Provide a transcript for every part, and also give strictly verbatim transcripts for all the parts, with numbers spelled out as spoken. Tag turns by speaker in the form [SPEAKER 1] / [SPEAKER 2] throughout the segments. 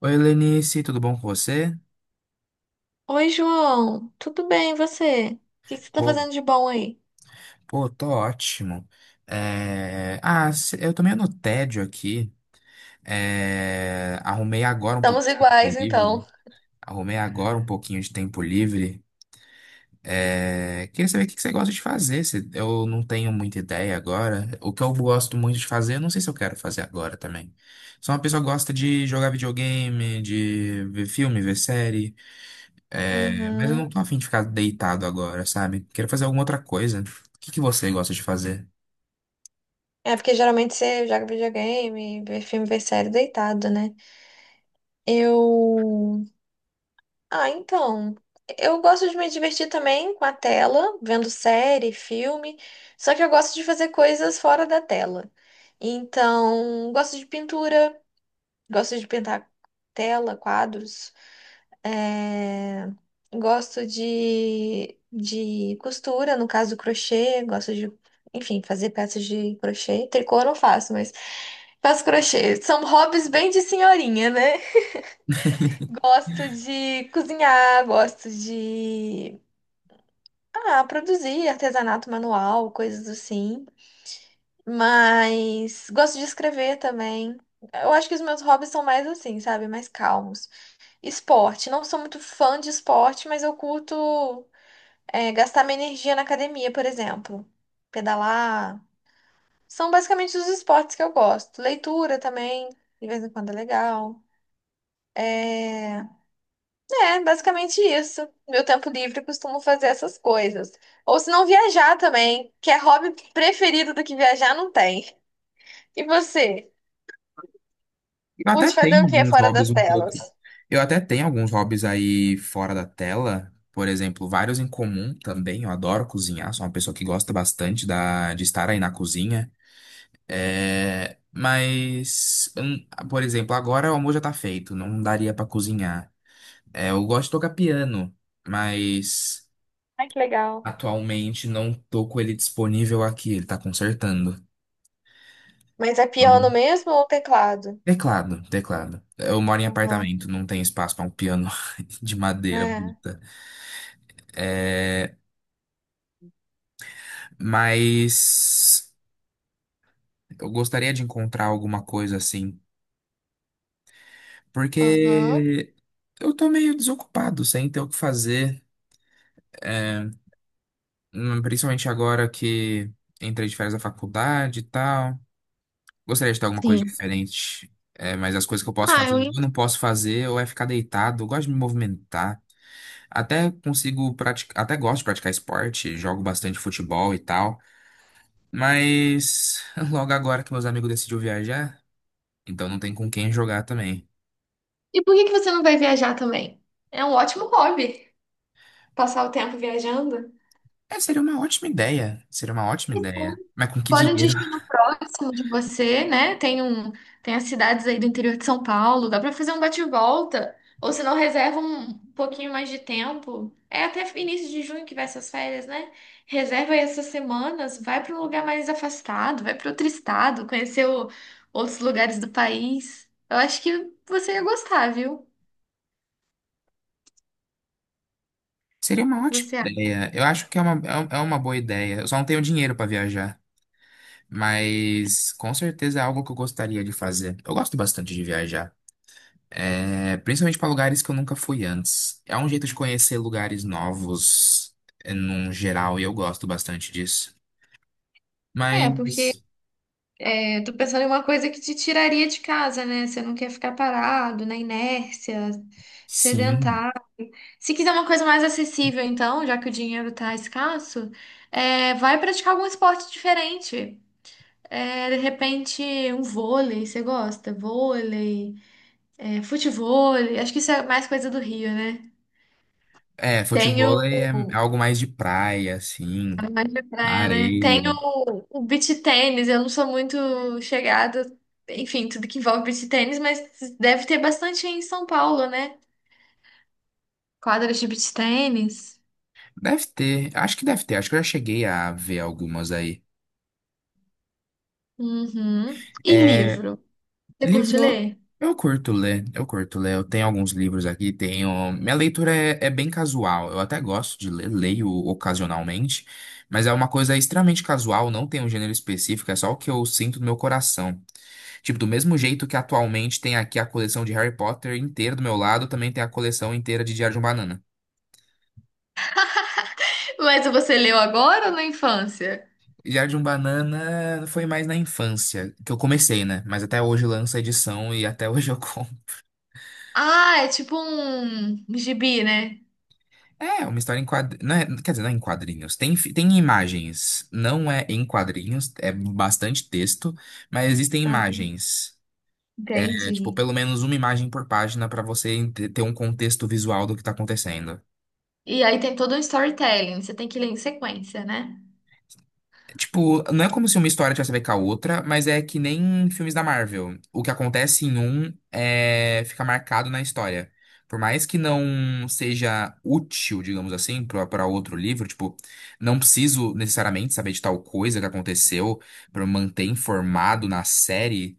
[SPEAKER 1] Oi, Lenice, tudo bom com você?
[SPEAKER 2] Oi, João. Tudo bem, e você? O que que você tá
[SPEAKER 1] Pô,
[SPEAKER 2] fazendo de bom aí?
[SPEAKER 1] pô, tô ótimo. É, Ah, se- eu tô meio no tédio aqui. É, Arrumei agora um pouco
[SPEAKER 2] Estamos
[SPEAKER 1] de tempo
[SPEAKER 2] iguais, então.
[SPEAKER 1] livre. Arrumei agora um pouquinho de tempo livre. É, Queria saber o que que você gosta de fazer. se- Eu não tenho muita ideia agora. O que eu gosto muito de fazer, eu não sei se eu quero fazer agora também. Sou uma pessoa que gosta de jogar videogame, de ver filme, ver série. É, mas eu não
[SPEAKER 2] Uhum.
[SPEAKER 1] tô afim de ficar deitado agora, sabe? Quero fazer alguma outra coisa. O que que você gosta de fazer?
[SPEAKER 2] É porque geralmente você joga videogame, vê filme, vê série deitado, né? Eu. Ah, então. Eu gosto de me divertir também com a tela, vendo série, filme. Só que eu gosto de fazer coisas fora da tela. Então, gosto de pintura, gosto de pintar tela, quadros. É, gosto de, de costura, no caso crochê, gosto de, enfim, fazer peças de crochê. Tricô eu não faço, mas faço crochê. São hobbies bem de senhorinha, né? Gosto de cozinhar, gosto de, ah, produzir artesanato manual, coisas assim. Mas gosto de escrever também. Eu acho que os meus hobbies são mais assim, sabe? Mais calmos. Esporte. Não sou muito fã de esporte, mas eu curto. É, gastar minha energia na academia, por exemplo. Pedalar. São basicamente os esportes que eu gosto. Leitura também, de vez em quando é legal. É, é basicamente isso. Meu tempo livre eu costumo fazer essas coisas. Ou se não viajar também, que é hobby preferido do que viajar, não tem. E você?
[SPEAKER 1] Eu até
[SPEAKER 2] Curte fazer
[SPEAKER 1] tenho
[SPEAKER 2] o que
[SPEAKER 1] alguns
[SPEAKER 2] fora
[SPEAKER 1] hobbies
[SPEAKER 2] das
[SPEAKER 1] um
[SPEAKER 2] telas?
[SPEAKER 1] pouco. Eu até tenho alguns hobbies aí fora da tela. Por exemplo, vários em comum também. Eu adoro cozinhar, sou uma pessoa que gosta bastante da, de estar aí na cozinha. É, mas, hum, por exemplo, agora o almoço já tá feito, não daria pra cozinhar. É, eu gosto de tocar piano, mas.
[SPEAKER 2] Ai, que legal.
[SPEAKER 1] Atualmente não tô com ele disponível aqui, ele tá consertando.
[SPEAKER 2] Mas é piano
[SPEAKER 1] Então,
[SPEAKER 2] mesmo ou teclado?
[SPEAKER 1] Teclado, teclado. Eu moro em
[SPEAKER 2] Uhum.
[SPEAKER 1] apartamento, não tem espaço para um piano de madeira
[SPEAKER 2] É.
[SPEAKER 1] bruta. É, mas eu gostaria de encontrar alguma coisa assim,
[SPEAKER 2] Aham.
[SPEAKER 1] porque eu tô meio desocupado, sem ter o que fazer, hum, principalmente agora que entrei de férias da faculdade e tal. Gostaria de ter alguma coisa
[SPEAKER 2] Sim.
[SPEAKER 1] diferente. É, mas as coisas que eu posso
[SPEAKER 2] Ah,
[SPEAKER 1] fazer, ou
[SPEAKER 2] eu
[SPEAKER 1] eu não posso fazer, ou é ficar deitado. Eu gosto de me movimentar. Até consigo praticar, até gosto de praticar esporte, jogo bastante futebol e tal. Mas logo agora que meus amigos decidiram viajar, então não tem com quem jogar também.
[SPEAKER 2] E por que que você não vai viajar também? É um ótimo hobby, passar o tempo viajando.
[SPEAKER 1] É, seria uma ótima ideia. Seria uma ótima
[SPEAKER 2] Então,
[SPEAKER 1] ideia. Mas com que
[SPEAKER 2] escolhe um
[SPEAKER 1] dinheiro?
[SPEAKER 2] destino próximo de você, né? Tem um, tem as cidades aí do interior de São Paulo, dá pra fazer um bate-volta. Ou se não, reserva um pouquinho mais de tempo. É até início de junho que vai essas férias, né? Reserva aí essas semanas, vai pra um lugar mais afastado, vai pra outro estado, conhecer o- outros lugares do país. Eu acho que você ia gostar, viu?
[SPEAKER 1] Seria
[SPEAKER 2] O
[SPEAKER 1] uma
[SPEAKER 2] que
[SPEAKER 1] ótima
[SPEAKER 2] você acha?
[SPEAKER 1] ideia. Eu acho que é uma, é um- é uma boa ideia. Eu só não tenho dinheiro para viajar. Mas com certeza é algo que eu gostaria de fazer. Eu gosto bastante de viajar. É, principalmente para lugares que eu nunca fui antes. É um jeito de conhecer lugares novos, é, num geral, e eu gosto bastante disso.
[SPEAKER 2] É, porque
[SPEAKER 1] Mas,
[SPEAKER 2] eu tô pensando em uma coisa que te tiraria de casa, né? Você não quer ficar parado na inércia,
[SPEAKER 1] sim.
[SPEAKER 2] sedentário. Se quiser uma coisa mais acessível, então, já que o dinheiro tá escasso, é, vai praticar algum esporte diferente. É, de repente, um vôlei, você gosta? Vôlei, é, futevôlei. Acho que isso é mais coisa do Rio, né?
[SPEAKER 1] É,
[SPEAKER 2] Tenho.
[SPEAKER 1] futevôlei é algo mais de praia, assim,
[SPEAKER 2] É mais de
[SPEAKER 1] na
[SPEAKER 2] praia, né? Tem
[SPEAKER 1] areia.
[SPEAKER 2] o, o beach tênis, eu não sou muito chegada, enfim, tudo que envolve beach tênis, mas deve ter bastante em São Paulo, né? Quadras de beach tênis.
[SPEAKER 1] Deve ter, acho que deve ter, acho que eu já cheguei a ver algumas aí.
[SPEAKER 2] Uhum. E
[SPEAKER 1] É,
[SPEAKER 2] livro? Você curte
[SPEAKER 1] Livro,
[SPEAKER 2] ler?
[SPEAKER 1] eu curto ler, eu curto ler. Eu tenho alguns livros aqui, tenho. Minha leitura é, é bem casual. Eu até gosto de ler, leio ocasionalmente, mas é uma coisa extremamente casual, não tem um gênero específico, é só o que eu sinto no meu coração. Tipo, do mesmo jeito que atualmente tem aqui a coleção de Harry Potter inteira do meu lado, também tem a coleção inteira de Diário de um Banana.
[SPEAKER 2] Mas você leu agora ou na infância?
[SPEAKER 1] Diário de um Banana foi mais na infância, que eu comecei, né? Mas até hoje lança edição e até hoje eu compro.
[SPEAKER 2] Ah, é tipo um gibi, né?
[SPEAKER 1] É, uma história em quadrinhos. Quer dizer, não é em quadrinhos. Tem, fi- tem imagens. Não é em quadrinhos, é bastante texto, mas existem
[SPEAKER 2] Ah,
[SPEAKER 1] imagens. É, tipo,
[SPEAKER 2] entendi.
[SPEAKER 1] pelo menos uma imagem por página para você ente- ter um contexto visual do que tá acontecendo.
[SPEAKER 2] E aí tem todo um storytelling, você tem que ler em sequência, né?
[SPEAKER 1] Tipo, não é como se uma história tivesse a ver com a outra, mas é que nem filmes da Marvel. O que acontece em um é, fica marcado na história. Por mais que não seja útil, digamos assim, para outro livro, tipo, não preciso necessariamente saber de tal coisa que aconteceu para manter informado na série.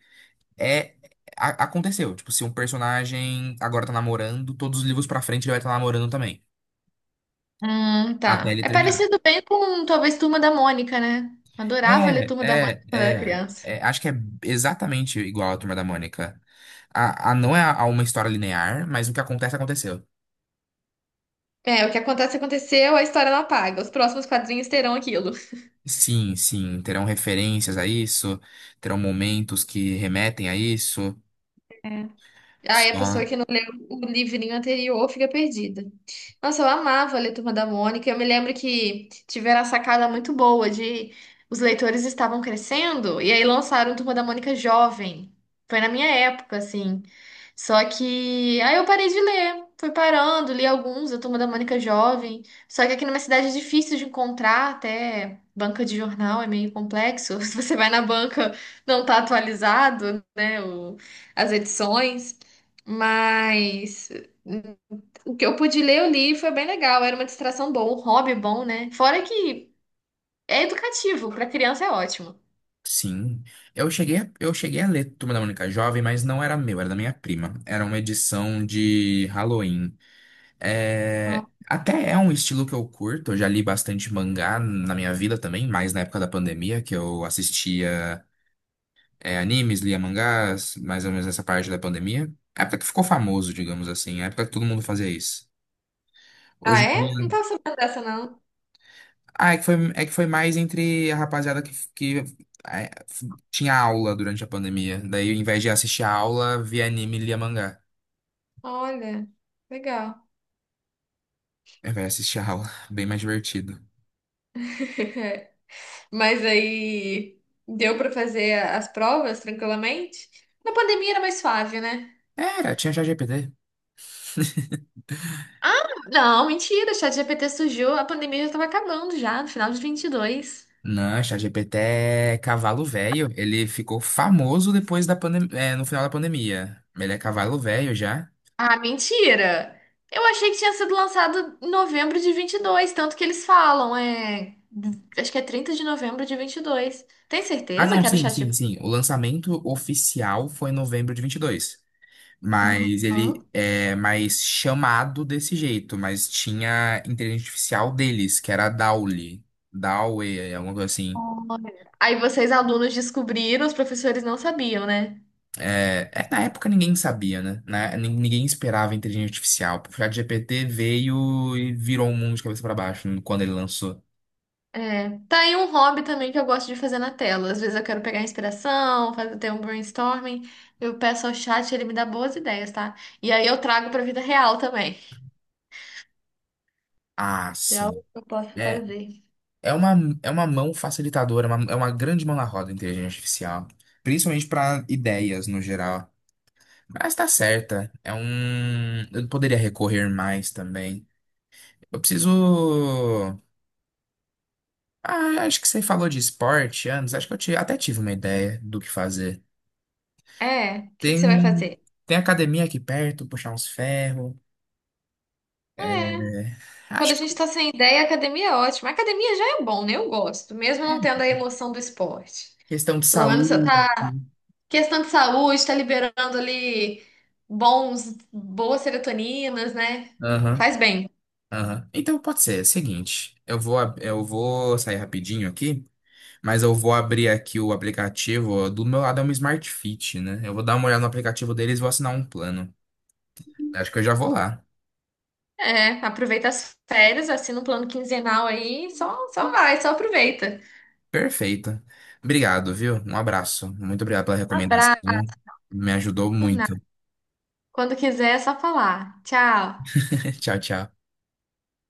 [SPEAKER 1] É, a- aconteceu. Tipo, se um personagem agora tá namorando, todos os livros pra frente ele vai estar namorando também,
[SPEAKER 2] Hum,
[SPEAKER 1] até
[SPEAKER 2] tá.
[SPEAKER 1] ele
[SPEAKER 2] É
[SPEAKER 1] terminar.
[SPEAKER 2] parecido bem com talvez Turma da Mônica, né? Adorava ler
[SPEAKER 1] É,
[SPEAKER 2] Turma da Mônica
[SPEAKER 1] é,
[SPEAKER 2] quando era
[SPEAKER 1] é,
[SPEAKER 2] criança.
[SPEAKER 1] é, Acho que é exatamente igual a Turma da Mônica. A, a, não é a, a uma história linear, mas o que acontece, aconteceu.
[SPEAKER 2] É, o que acontece, aconteceu, a história não apaga. Os próximos quadrinhos terão aquilo.
[SPEAKER 1] Sim, sim, terão referências a isso, terão momentos que remetem a isso.
[SPEAKER 2] Aí a
[SPEAKER 1] Só,
[SPEAKER 2] pessoa que não leu o livrinho anterior fica perdida. Nossa, eu amava ler Turma da Mônica. Eu me lembro que tiveram a sacada muito boa de os leitores estavam crescendo e aí lançaram Turma da Mônica jovem. Foi na minha época, assim. Só que aí eu parei de ler. Fui parando, li alguns da Turma da Mônica jovem. Só que aqui na minha cidade é difícil de encontrar até banca de jornal, é meio complexo. Se você vai na banca, não tá atualizado, né, o- as edições. Mas o que eu pude ler, eu li e foi bem legal. Era uma distração boa, um hobby bom, né? Fora que é educativo, para criança é ótimo.
[SPEAKER 1] sim. Eu cheguei, a- eu cheguei a ler Turma da Mônica Jovem, mas não era meu, era da minha prima. Era uma edição de Halloween. É,
[SPEAKER 2] Ah,
[SPEAKER 1] até é um estilo que eu curto, eu já li bastante mangá na minha vida também, mais na época da pandemia, que eu assistia. É, animes, lia mangás, mais ou menos nessa parte da pandemia. A época que ficou famoso, digamos assim, a época que todo mundo fazia isso.
[SPEAKER 2] Ah,
[SPEAKER 1] Hoje em
[SPEAKER 2] é? Não
[SPEAKER 1] dia.
[SPEAKER 2] tava sabendo dessa, não.
[SPEAKER 1] Ah, é que foi, é que foi mais entre a rapaziada que, que é, f- tinha aula durante a pandemia. Daí, ao invés de assistir a aula, via anime e lia mangá.
[SPEAKER 2] Olha, legal.
[SPEAKER 1] Ao invés de assistir a aula, bem mais divertido.
[SPEAKER 2] Mas aí deu para fazer as provas tranquilamente? Na pandemia era mais suave, né?
[SPEAKER 1] Era, tinha ChatGPT.
[SPEAKER 2] Ah, não, mentira, o ChatGPT surgiu, a pandemia já estava acabando já, no final de vinte e dois.
[SPEAKER 1] Não, ChatGPT é cavalo velho. Ele ficou famoso depois da pandemia, no final da pandemia. Ele é cavalo velho já.
[SPEAKER 2] Ah, mentira! Eu achei que tinha sido lançado em novembro de vinte e dois, tanto que eles falam, é. Acho que é trinta de novembro de vinte e dois. Tem
[SPEAKER 1] Ah,
[SPEAKER 2] certeza
[SPEAKER 1] não,
[SPEAKER 2] que era o
[SPEAKER 1] sim, sim,
[SPEAKER 2] ChatGPT?
[SPEAKER 1] sim. O lançamento oficial foi em novembro de vinte e dois,
[SPEAKER 2] Aham.
[SPEAKER 1] mas ele é mais chamado desse jeito. Mas tinha inteligência artificial deles, que era a Dali. Dali, alguma coisa assim.
[SPEAKER 2] Olha. Aí vocês, alunos, descobriram, os professores não sabiam, né?
[SPEAKER 1] É, é, na época ninguém sabia, né? Na- nin- Ninguém esperava inteligência artificial. Porque a G P T veio e virou o mundo de cabeça para baixo quando ele lançou.
[SPEAKER 2] É. Tá aí um hobby também que eu gosto de fazer na tela. Às vezes eu quero pegar inspiração, fazer ter um brainstorming. Eu peço ao chat, ele me dá boas ideias, tá? E aí eu trago pra vida real também.
[SPEAKER 1] Ah,
[SPEAKER 2] É algo
[SPEAKER 1] sim.
[SPEAKER 2] que eu posso
[SPEAKER 1] É,
[SPEAKER 2] fazer.
[SPEAKER 1] É uma, é uma mão facilitadora, é uma- é uma grande mão na roda, a inteligência artificial. Principalmente para ideias no geral. Mas tá certa. É um. Eu poderia recorrer mais também. Eu preciso. Ah, acho que você falou de esporte antes. Acho que eu ti- até tive uma ideia do que fazer.
[SPEAKER 2] É, o que que você vai
[SPEAKER 1] Tem,
[SPEAKER 2] fazer?
[SPEAKER 1] tem academia aqui perto, puxar uns ferros.
[SPEAKER 2] É.
[SPEAKER 1] É,
[SPEAKER 2] Quando a
[SPEAKER 1] Acho que
[SPEAKER 2] gente tá sem ideia, a academia é ótima. A academia já é bom, né? Eu gosto, mesmo não
[SPEAKER 1] é
[SPEAKER 2] tendo a emoção do esporte.
[SPEAKER 1] questão de
[SPEAKER 2] Pelo menos você
[SPEAKER 1] saúde.
[SPEAKER 2] tá.
[SPEAKER 1] Né?
[SPEAKER 2] Questão de saúde, tá liberando ali bons, boas serotoninas, né?
[SPEAKER 1] Aham.
[SPEAKER 2] Faz bem.
[SPEAKER 1] Aham. Então pode ser, é o seguinte, eu vou, ab- eu vou sair rapidinho aqui, mas eu vou abrir aqui o aplicativo, do meu lado é um Smart Fit, né? Eu vou dar uma olhada no aplicativo deles e vou assinar um plano. Acho que eu já vou lá.
[SPEAKER 2] É, aproveita as férias, assina um plano quinzenal aí, só, só, vai, só aproveita.
[SPEAKER 1] Perfeito. Obrigado, viu? Um abraço. Muito obrigado pela
[SPEAKER 2] Abraço,
[SPEAKER 1] recomendação. Me ajudou
[SPEAKER 2] por nada.
[SPEAKER 1] muito.
[SPEAKER 2] Quando quiser, é só falar. Tchau.
[SPEAKER 1] Tchau, tchau.